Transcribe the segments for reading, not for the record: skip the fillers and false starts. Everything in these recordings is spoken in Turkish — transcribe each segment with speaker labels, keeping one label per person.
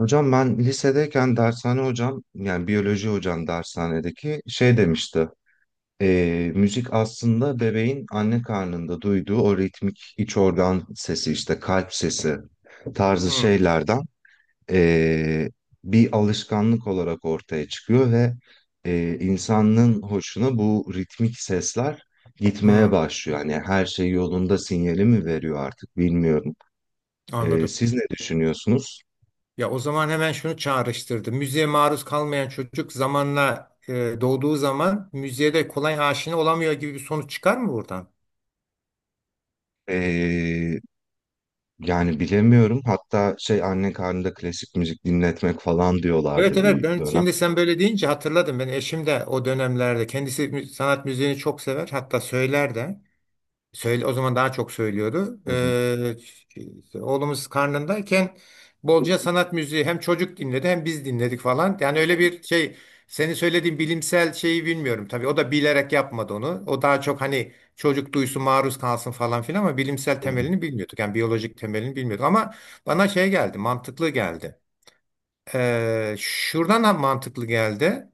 Speaker 1: Hocam ben lisedeyken dershane hocam yani biyoloji hocam dershanedeki şey demişti. Müzik aslında bebeğin anne karnında duyduğu o ritmik iç organ sesi işte kalp sesi tarzı
Speaker 2: Hmm,
Speaker 1: şeylerden ee, bir alışkanlık olarak ortaya çıkıyor ve insanın hoşuna bu ritmik sesler gitmeye
Speaker 2: hmm,
Speaker 1: başlıyor. Yani her şey yolunda sinyali mi veriyor artık bilmiyorum.
Speaker 2: anladım.
Speaker 1: Siz ne düşünüyorsunuz?
Speaker 2: Ya o zaman hemen şunu çağrıştırdı. Müziğe maruz kalmayan çocuk zamanla doğduğu zaman müziğe de kolay aşina olamıyor gibi bir sonuç çıkar mı buradan?
Speaker 1: Ee, Yani bilemiyorum. Hatta şey anne karnında klasik müzik dinletmek falan
Speaker 2: Evet,
Speaker 1: diyorlardı
Speaker 2: evet,
Speaker 1: bir
Speaker 2: ben
Speaker 1: dönem.
Speaker 2: şimdi sen böyle deyince hatırladım. Ben eşim de o dönemlerde kendisi sanat müziğini çok sever, hatta söyler de. Söyle, o zaman daha çok söylüyordu.
Speaker 1: Hı hı.
Speaker 2: Şey, işte oğlumuz karnındayken bolca sanat müziği hem çocuk dinledi, hem biz dinledik falan. Yani öyle bir şey, senin söylediğin bilimsel şeyi bilmiyorum. Tabii o da bilerek yapmadı onu. O daha çok hani çocuk duysun, maruz kalsın falan filan, ama bilimsel
Speaker 1: Hı hı.
Speaker 2: temelini bilmiyorduk. Yani biyolojik temelini bilmiyorduk ama bana şey geldi, mantıklı geldi. Şuradan da mantıklı geldi.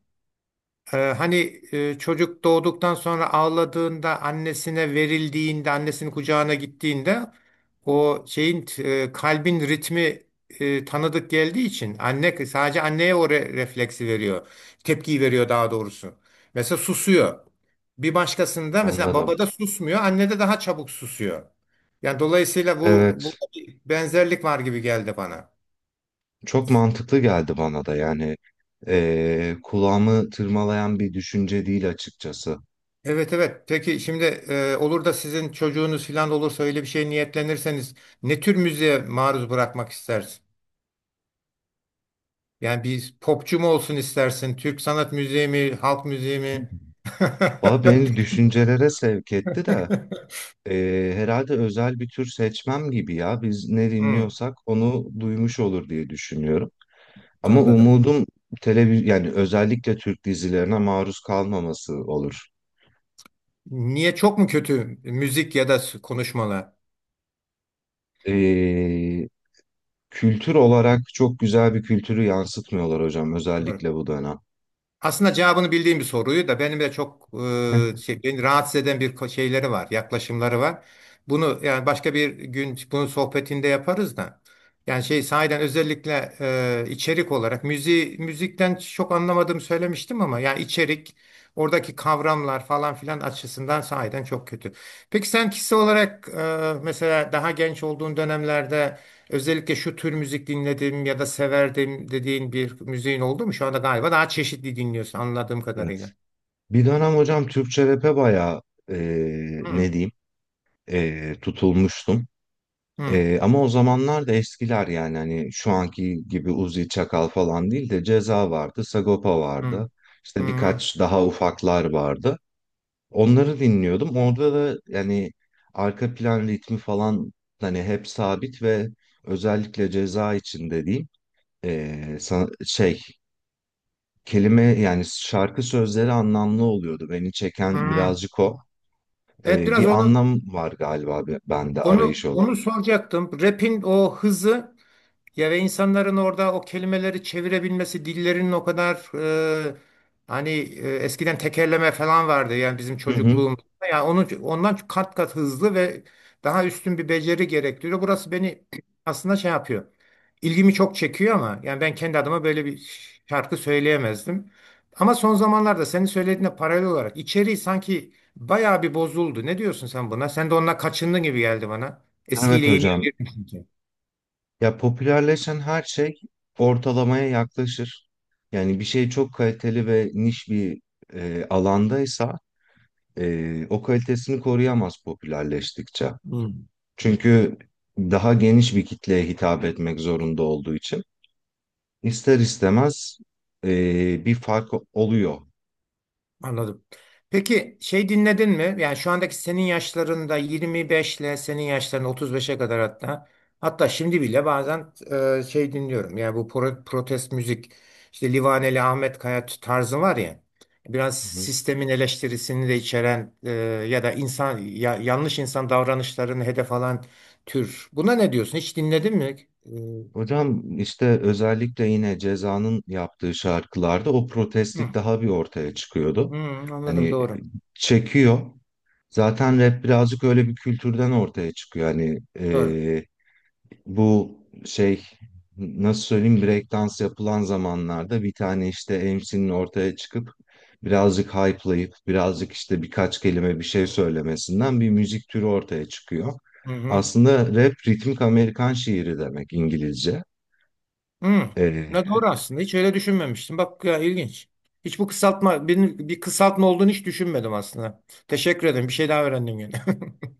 Speaker 2: Hani çocuk doğduktan sonra ağladığında, annesine verildiğinde, annesinin kucağına gittiğinde o şeyin kalbin ritmi tanıdık geldiği için anne, sadece anneye o refleksi veriyor. Tepkiyi veriyor daha doğrusu. Mesela susuyor. Bir başkasında, mesela
Speaker 1: Anladım.
Speaker 2: babada susmuyor, annede daha çabuk susuyor. Yani dolayısıyla bu,
Speaker 1: Evet,
Speaker 2: bir benzerlik var gibi geldi bana.
Speaker 1: çok mantıklı geldi bana da yani kulağımı tırmalayan bir düşünce değil açıkçası.
Speaker 2: Evet, evet. Peki şimdi olur da sizin çocuğunuz falan olursa, öyle bir şey niyetlenirseniz, ne tür müziğe maruz bırakmak istersin? Yani bir popçu mu olsun istersin? Türk sanat müziği mi? Halk müziği
Speaker 1: Hı hı.
Speaker 2: mi?
Speaker 1: Valla beni düşüncelere sevk etti de herhalde özel bir tür seçmem gibi ya. Biz ne
Speaker 2: Hmm,
Speaker 1: dinliyorsak onu duymuş olur diye düşünüyorum. Ama
Speaker 2: anladım.
Speaker 1: umudum televiz yani özellikle Türk dizilerine maruz kalmaması olur.
Speaker 2: Niye, çok mu kötü müzik ya da konuşmalar?
Speaker 1: Ee, Kültür olarak çok güzel bir kültürü yansıtmıyorlar hocam özellikle bu dönem.
Speaker 2: Aslında cevabını bildiğim bir soruyu da, benim de çok şey, beni rahatsız eden bir şeyleri var, yaklaşımları var. Bunu yani başka bir gün bunun sohbetinde yaparız da. Yani şey, sahiden özellikle içerik olarak müziği, müzikten çok anlamadığımı söylemiştim, ama yani içerik, oradaki kavramlar falan filan açısından sahiden çok kötü. Peki sen kişi olarak mesela daha genç olduğun dönemlerde özellikle şu tür müzik dinledim ya da severdim dediğin bir müziğin oldu mu? Şu anda galiba daha çeşitli dinliyorsun anladığım
Speaker 1: Evet.
Speaker 2: kadarıyla.
Speaker 1: Bir dönem hocam Türkçe rap'e bayağı
Speaker 2: Hı,
Speaker 1: ne diyeyim, tutulmuştum.
Speaker 2: hı,
Speaker 1: Ama o zamanlar da eskiler yani hani şu anki gibi Uzi Çakal falan değil de Ceza vardı, Sagopa
Speaker 2: hı,
Speaker 1: vardı. İşte
Speaker 2: hı,
Speaker 1: birkaç daha ufaklar vardı. Onları dinliyordum. Orada da yani arka plan ritmi falan hani hep sabit ve özellikle Ceza için dediğim şey, kelime yani şarkı sözleri anlamlı oluyordu. Beni çeken
Speaker 2: hı.
Speaker 1: birazcık o.
Speaker 2: Evet, biraz
Speaker 1: Bir anlam var galiba bende arayış
Speaker 2: onu
Speaker 1: olarak.
Speaker 2: soracaktım. Rap'in o hızı. Ya ve insanların orada o kelimeleri çevirebilmesi, dillerinin o kadar, e, hani, eskiden tekerleme falan vardı yani bizim
Speaker 1: Hı hı.
Speaker 2: çocukluğumuzda. Yani onun, ondan kat kat hızlı ve daha üstün bir beceri gerektiriyor. Burası beni aslında şey yapıyor. İlgimi çok çekiyor, ama yani ben kendi adıma böyle bir şarkı söyleyemezdim. Ama son zamanlarda senin söylediğine paralel olarak içeriği sanki bayağı bir bozuldu. Ne diyorsun sen buna? Sen de onunla kaçındın gibi geldi bana.
Speaker 1: Evet
Speaker 2: Eskiyle yeni
Speaker 1: hocam.
Speaker 2: ayırmışsın
Speaker 1: Ya popülerleşen her şey ortalamaya yaklaşır. Yani bir şey çok kaliteli ve niş bir alandaysa o kalitesini koruyamaz popülerleştikçe.
Speaker 2: ki.
Speaker 1: Çünkü daha geniş bir kitleye hitap etmek zorunda olduğu için. İster istemez bir fark oluyor.
Speaker 2: Anladım. Peki şey, dinledin mi? Yani şu andaki senin yaşlarında 25 ile senin yaşlarında 35'e kadar, hatta şimdi bile bazen şey dinliyorum. Yani bu protest müzik, işte Livaneli, Ahmet Kaya tarzı var ya, biraz
Speaker 1: Hı hı.
Speaker 2: sistemin eleştirisini de içeren ya da insan yanlış insan davranışlarını hedef alan tür. Buna ne diyorsun? Hiç dinledin mi? E,
Speaker 1: Hocam işte özellikle yine Ceza'nın yaptığı şarkılarda o protestlik
Speaker 2: hı,
Speaker 1: daha bir ortaya çıkıyordu.
Speaker 2: hı, anladım,
Speaker 1: Hani
Speaker 2: doğru.
Speaker 1: çekiyor. Zaten rap birazcık öyle bir kültürden ortaya çıkıyor. Hani
Speaker 2: Doğru.
Speaker 1: bu şey, nasıl söyleyeyim, breakdance yapılan zamanlarda bir tane işte MC'nin ortaya çıkıp birazcık hype'layıp birazcık işte birkaç kelime bir şey söylemesinden bir müzik türü ortaya çıkıyor.
Speaker 2: Hı hı.
Speaker 1: Aslında rap ritmik Amerikan şiiri demek İngilizce.
Speaker 2: Hı. Ne
Speaker 1: Ee,
Speaker 2: doğru aslında. Hiç öyle düşünmemiştim. Bak ya, ilginç. Hiç bu kısaltma, bir kısaltma olduğunu hiç düşünmedim aslında. Teşekkür ederim. Bir şey daha öğrendim yani.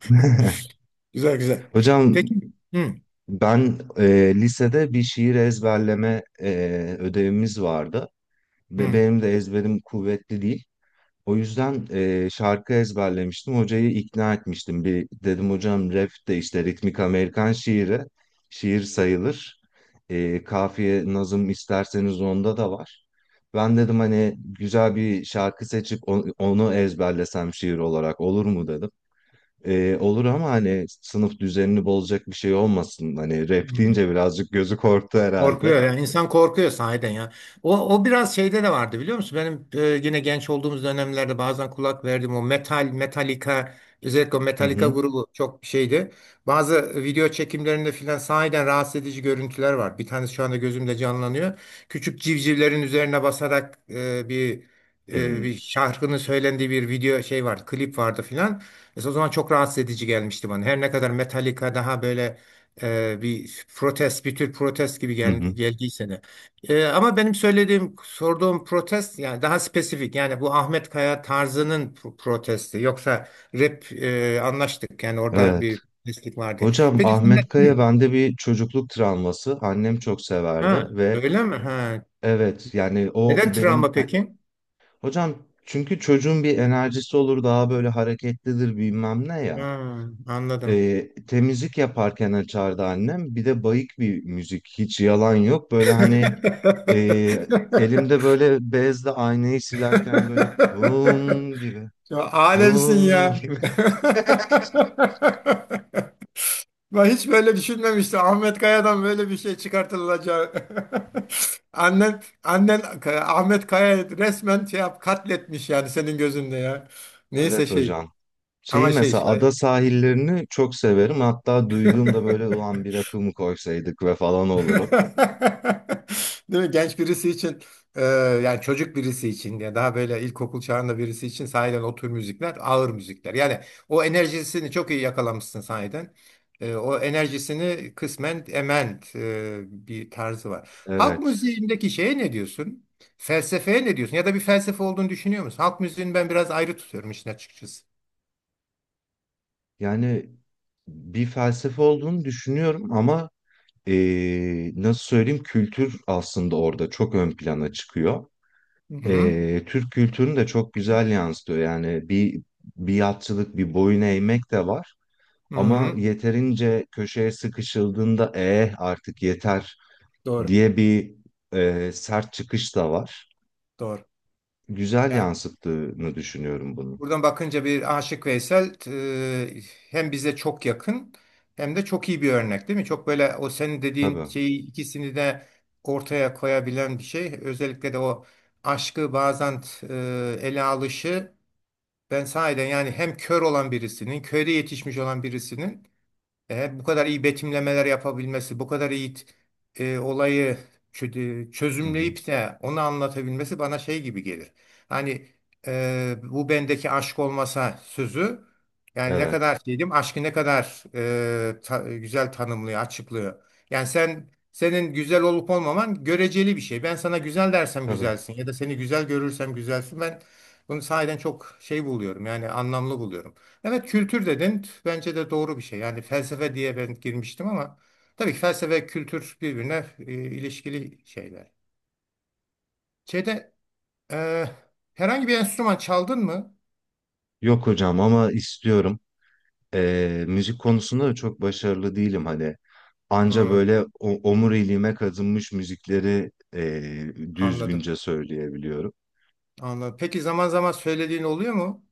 Speaker 2: Güzel, güzel.
Speaker 1: hocam
Speaker 2: Peki. Hı.
Speaker 1: ben lisede bir şiir ezberleme ödevimiz vardı. Ve
Speaker 2: Hı.
Speaker 1: benim de ezberim kuvvetli değil. O yüzden şarkı ezberlemiştim. Hocayı ikna etmiştim. Bir dedim hocam rap de işte ritmik Amerikan şiiri. Şiir sayılır. E, kafiye nazım isterseniz onda da var. Ben dedim hani güzel bir şarkı seçip onu ezberlesem şiir olarak olur mu dedim. Olur ama hani sınıf düzenini bozacak bir şey olmasın. Hani rap
Speaker 2: Hı.
Speaker 1: deyince birazcık gözü korktu herhalde.
Speaker 2: Korkuyor, yani insan korkuyor sahiden ya. O biraz şeyde de vardı, biliyor musun? Benim yine genç olduğumuz dönemlerde bazen kulak verdim o metal, Metallica, özellikle o
Speaker 1: Hı
Speaker 2: Metallica
Speaker 1: hı.
Speaker 2: grubu çok şeydi. Bazı video çekimlerinde filan sahiden rahatsız edici görüntüler var. Bir tanesi şu anda gözümde canlanıyor. Küçük civcivlerin üzerine basarak
Speaker 1: Hı
Speaker 2: bir şarkının söylendiği bir video, şey vardı, klip vardı filan. Mesela o zaman çok rahatsız edici gelmişti bana. Her ne kadar Metallica daha böyle bir protest, bir tür protest gibi
Speaker 1: hı. Hı.
Speaker 2: geldiyse de. Ama benim söylediğim, sorduğum protest yani daha spesifik. Yani bu Ahmet Kaya tarzının protesti. Yoksa rap, anlaştık. Yani orada
Speaker 1: Evet.
Speaker 2: bir protestlik vardı.
Speaker 1: Hocam
Speaker 2: Peki sen de,
Speaker 1: Ahmet Kaya
Speaker 2: hı,
Speaker 1: bende bir çocukluk travması. Annem çok severdi
Speaker 2: ha,
Speaker 1: ve
Speaker 2: öyle mi? Ha.
Speaker 1: evet yani o
Speaker 2: Neden
Speaker 1: benim
Speaker 2: travma peki?
Speaker 1: hocam çünkü çocuğun bir enerjisi olur daha böyle hareketlidir bilmem ne ya.
Speaker 2: Ha, anladım.
Speaker 1: Temizlik yaparken açardı annem. Bir de bayık bir müzik hiç yalan yok. Böyle hani elimde böyle bezle aynayı silerken böyle kum gibi,
Speaker 2: Ya, alemsin
Speaker 1: kum
Speaker 2: ya.
Speaker 1: gibi.
Speaker 2: Ben hiç böyle düşünmemiştim. Ahmet Kaya'dan böyle bir şey çıkartılacağı. Annen Ahmet Kaya'yı resmen şey yap, katletmiş yani senin gözünde ya. Neyse
Speaker 1: Evet
Speaker 2: şey,
Speaker 1: hocam. Şeyi
Speaker 2: ama şey
Speaker 1: mesela ada
Speaker 2: şayet.
Speaker 1: sahillerini çok severim. Hatta duyduğumda böyle ulan bir akım koysaydık ve falan olurum.
Speaker 2: Değil mi? Genç birisi için e, yani çocuk birisi için, ya daha böyle ilkokul çağında birisi için sahiden o tür müzikler ağır müzikler. Yani o enerjisini çok iyi yakalamışsın sahiden. O enerjisini kısmen ement, bir tarzı var. Halk
Speaker 1: Evet.
Speaker 2: müziğindeki şeye ne diyorsun? Felsefeye ne diyorsun? Ya da bir felsefe olduğunu düşünüyor musun? Halk müziğini ben biraz ayrı tutuyorum işin açıkçası.
Speaker 1: Yani bir felsefe olduğunu düşünüyorum ama nasıl söyleyeyim, kültür aslında orada çok ön plana çıkıyor.
Speaker 2: Hı hı.
Speaker 1: E, Türk kültürünü de çok güzel yansıtıyor. Yani bir biatçılık, bir boyun eğmek de var.
Speaker 2: Hı
Speaker 1: Ama
Speaker 2: hı.
Speaker 1: yeterince köşeye sıkışıldığında eh artık yeter
Speaker 2: Doğru.
Speaker 1: diye bir sert çıkış da var.
Speaker 2: Doğru.
Speaker 1: Güzel yansıttığını düşünüyorum bunu.
Speaker 2: Buradan bakınca bir Aşık Veysel, e, hem bize çok yakın, hem de çok iyi bir örnek değil mi? Çok böyle o senin dediğin
Speaker 1: Tabii.
Speaker 2: şeyi ikisini de ortaya koyabilen bir şey. Özellikle de o aşkı bazen ele alışı, ben sahiden, yani hem kör olan birisinin, köyde yetişmiş olan birisinin bu kadar iyi betimlemeler yapabilmesi, bu kadar iyi olayı
Speaker 1: Hı hı.
Speaker 2: çözümleyip de onu anlatabilmesi bana şey gibi gelir. Hani bu bendeki aşk olmasa sözü, yani ne
Speaker 1: Evet.
Speaker 2: kadar şeydim, aşkı ne kadar güzel tanımlıyor, açıklıyor. Yani sen, senin güzel olup olmaman göreceli bir şey. Ben sana güzel dersem
Speaker 1: Tabii.
Speaker 2: güzelsin, ya da seni güzel görürsem güzelsin. Ben bunu sahiden çok şey buluyorum, yani anlamlı buluyorum. Evet, kültür dedin. Bence de doğru bir şey. Yani felsefe diye ben girmiştim, ama tabii ki felsefe kültür birbirine ilişkili şeyler. Şeyde e, herhangi bir enstrüman çaldın mı?
Speaker 1: Yok hocam ama istiyorum. E, müzik konusunda da çok başarılı değilim hani. Anca
Speaker 2: Hmm,
Speaker 1: böyle omuriliğime kazınmış müzikleri
Speaker 2: anladım.
Speaker 1: düzgünce söyleyebiliyorum.
Speaker 2: Anladım. Peki zaman zaman söylediğin oluyor mu?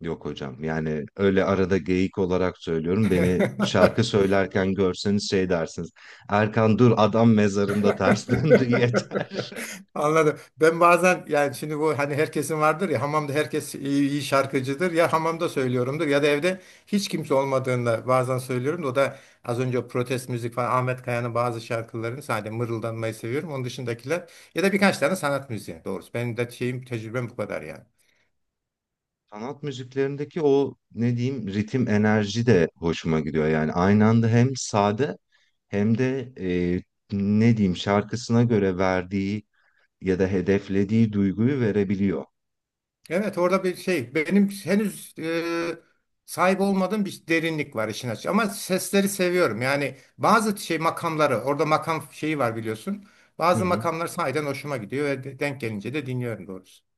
Speaker 1: Yok hocam yani öyle arada geyik olarak söylüyorum. Beni şarkı söylerken görseniz şey dersiniz. Erkan dur adam mezarında ters döndü yeter.
Speaker 2: Anladım. Ben bazen, yani şimdi bu hani herkesin vardır ya, hamamda herkes iyi, iyi şarkıcıdır ya, hamamda söylüyorumdur ya da evde hiç kimse olmadığında bazen söylüyorum da, o da az önce o protest müzik falan, Ahmet Kaya'nın bazı şarkılarını sadece mırıldanmayı seviyorum. Onun dışındakiler ya da birkaç tane sanat müziği doğrusu. Benim de şeyim, tecrübem bu kadar yani.
Speaker 1: Sanat müziklerindeki o ne diyeyim ritim enerji de hoşuma gidiyor. Yani aynı anda hem sade hem de ne diyeyim şarkısına göre verdiği ya da hedeflediği duyguyu verebiliyor.
Speaker 2: Evet, orada bir şey, benim henüz sahip olmadığım bir derinlik var işin açığı, ama sesleri seviyorum. Yani bazı şey makamları, orada makam şeyi var biliyorsun.
Speaker 1: Hı
Speaker 2: Bazı
Speaker 1: hı.
Speaker 2: makamlar sahiden hoşuma gidiyor ve denk gelince de dinliyorum doğrusu.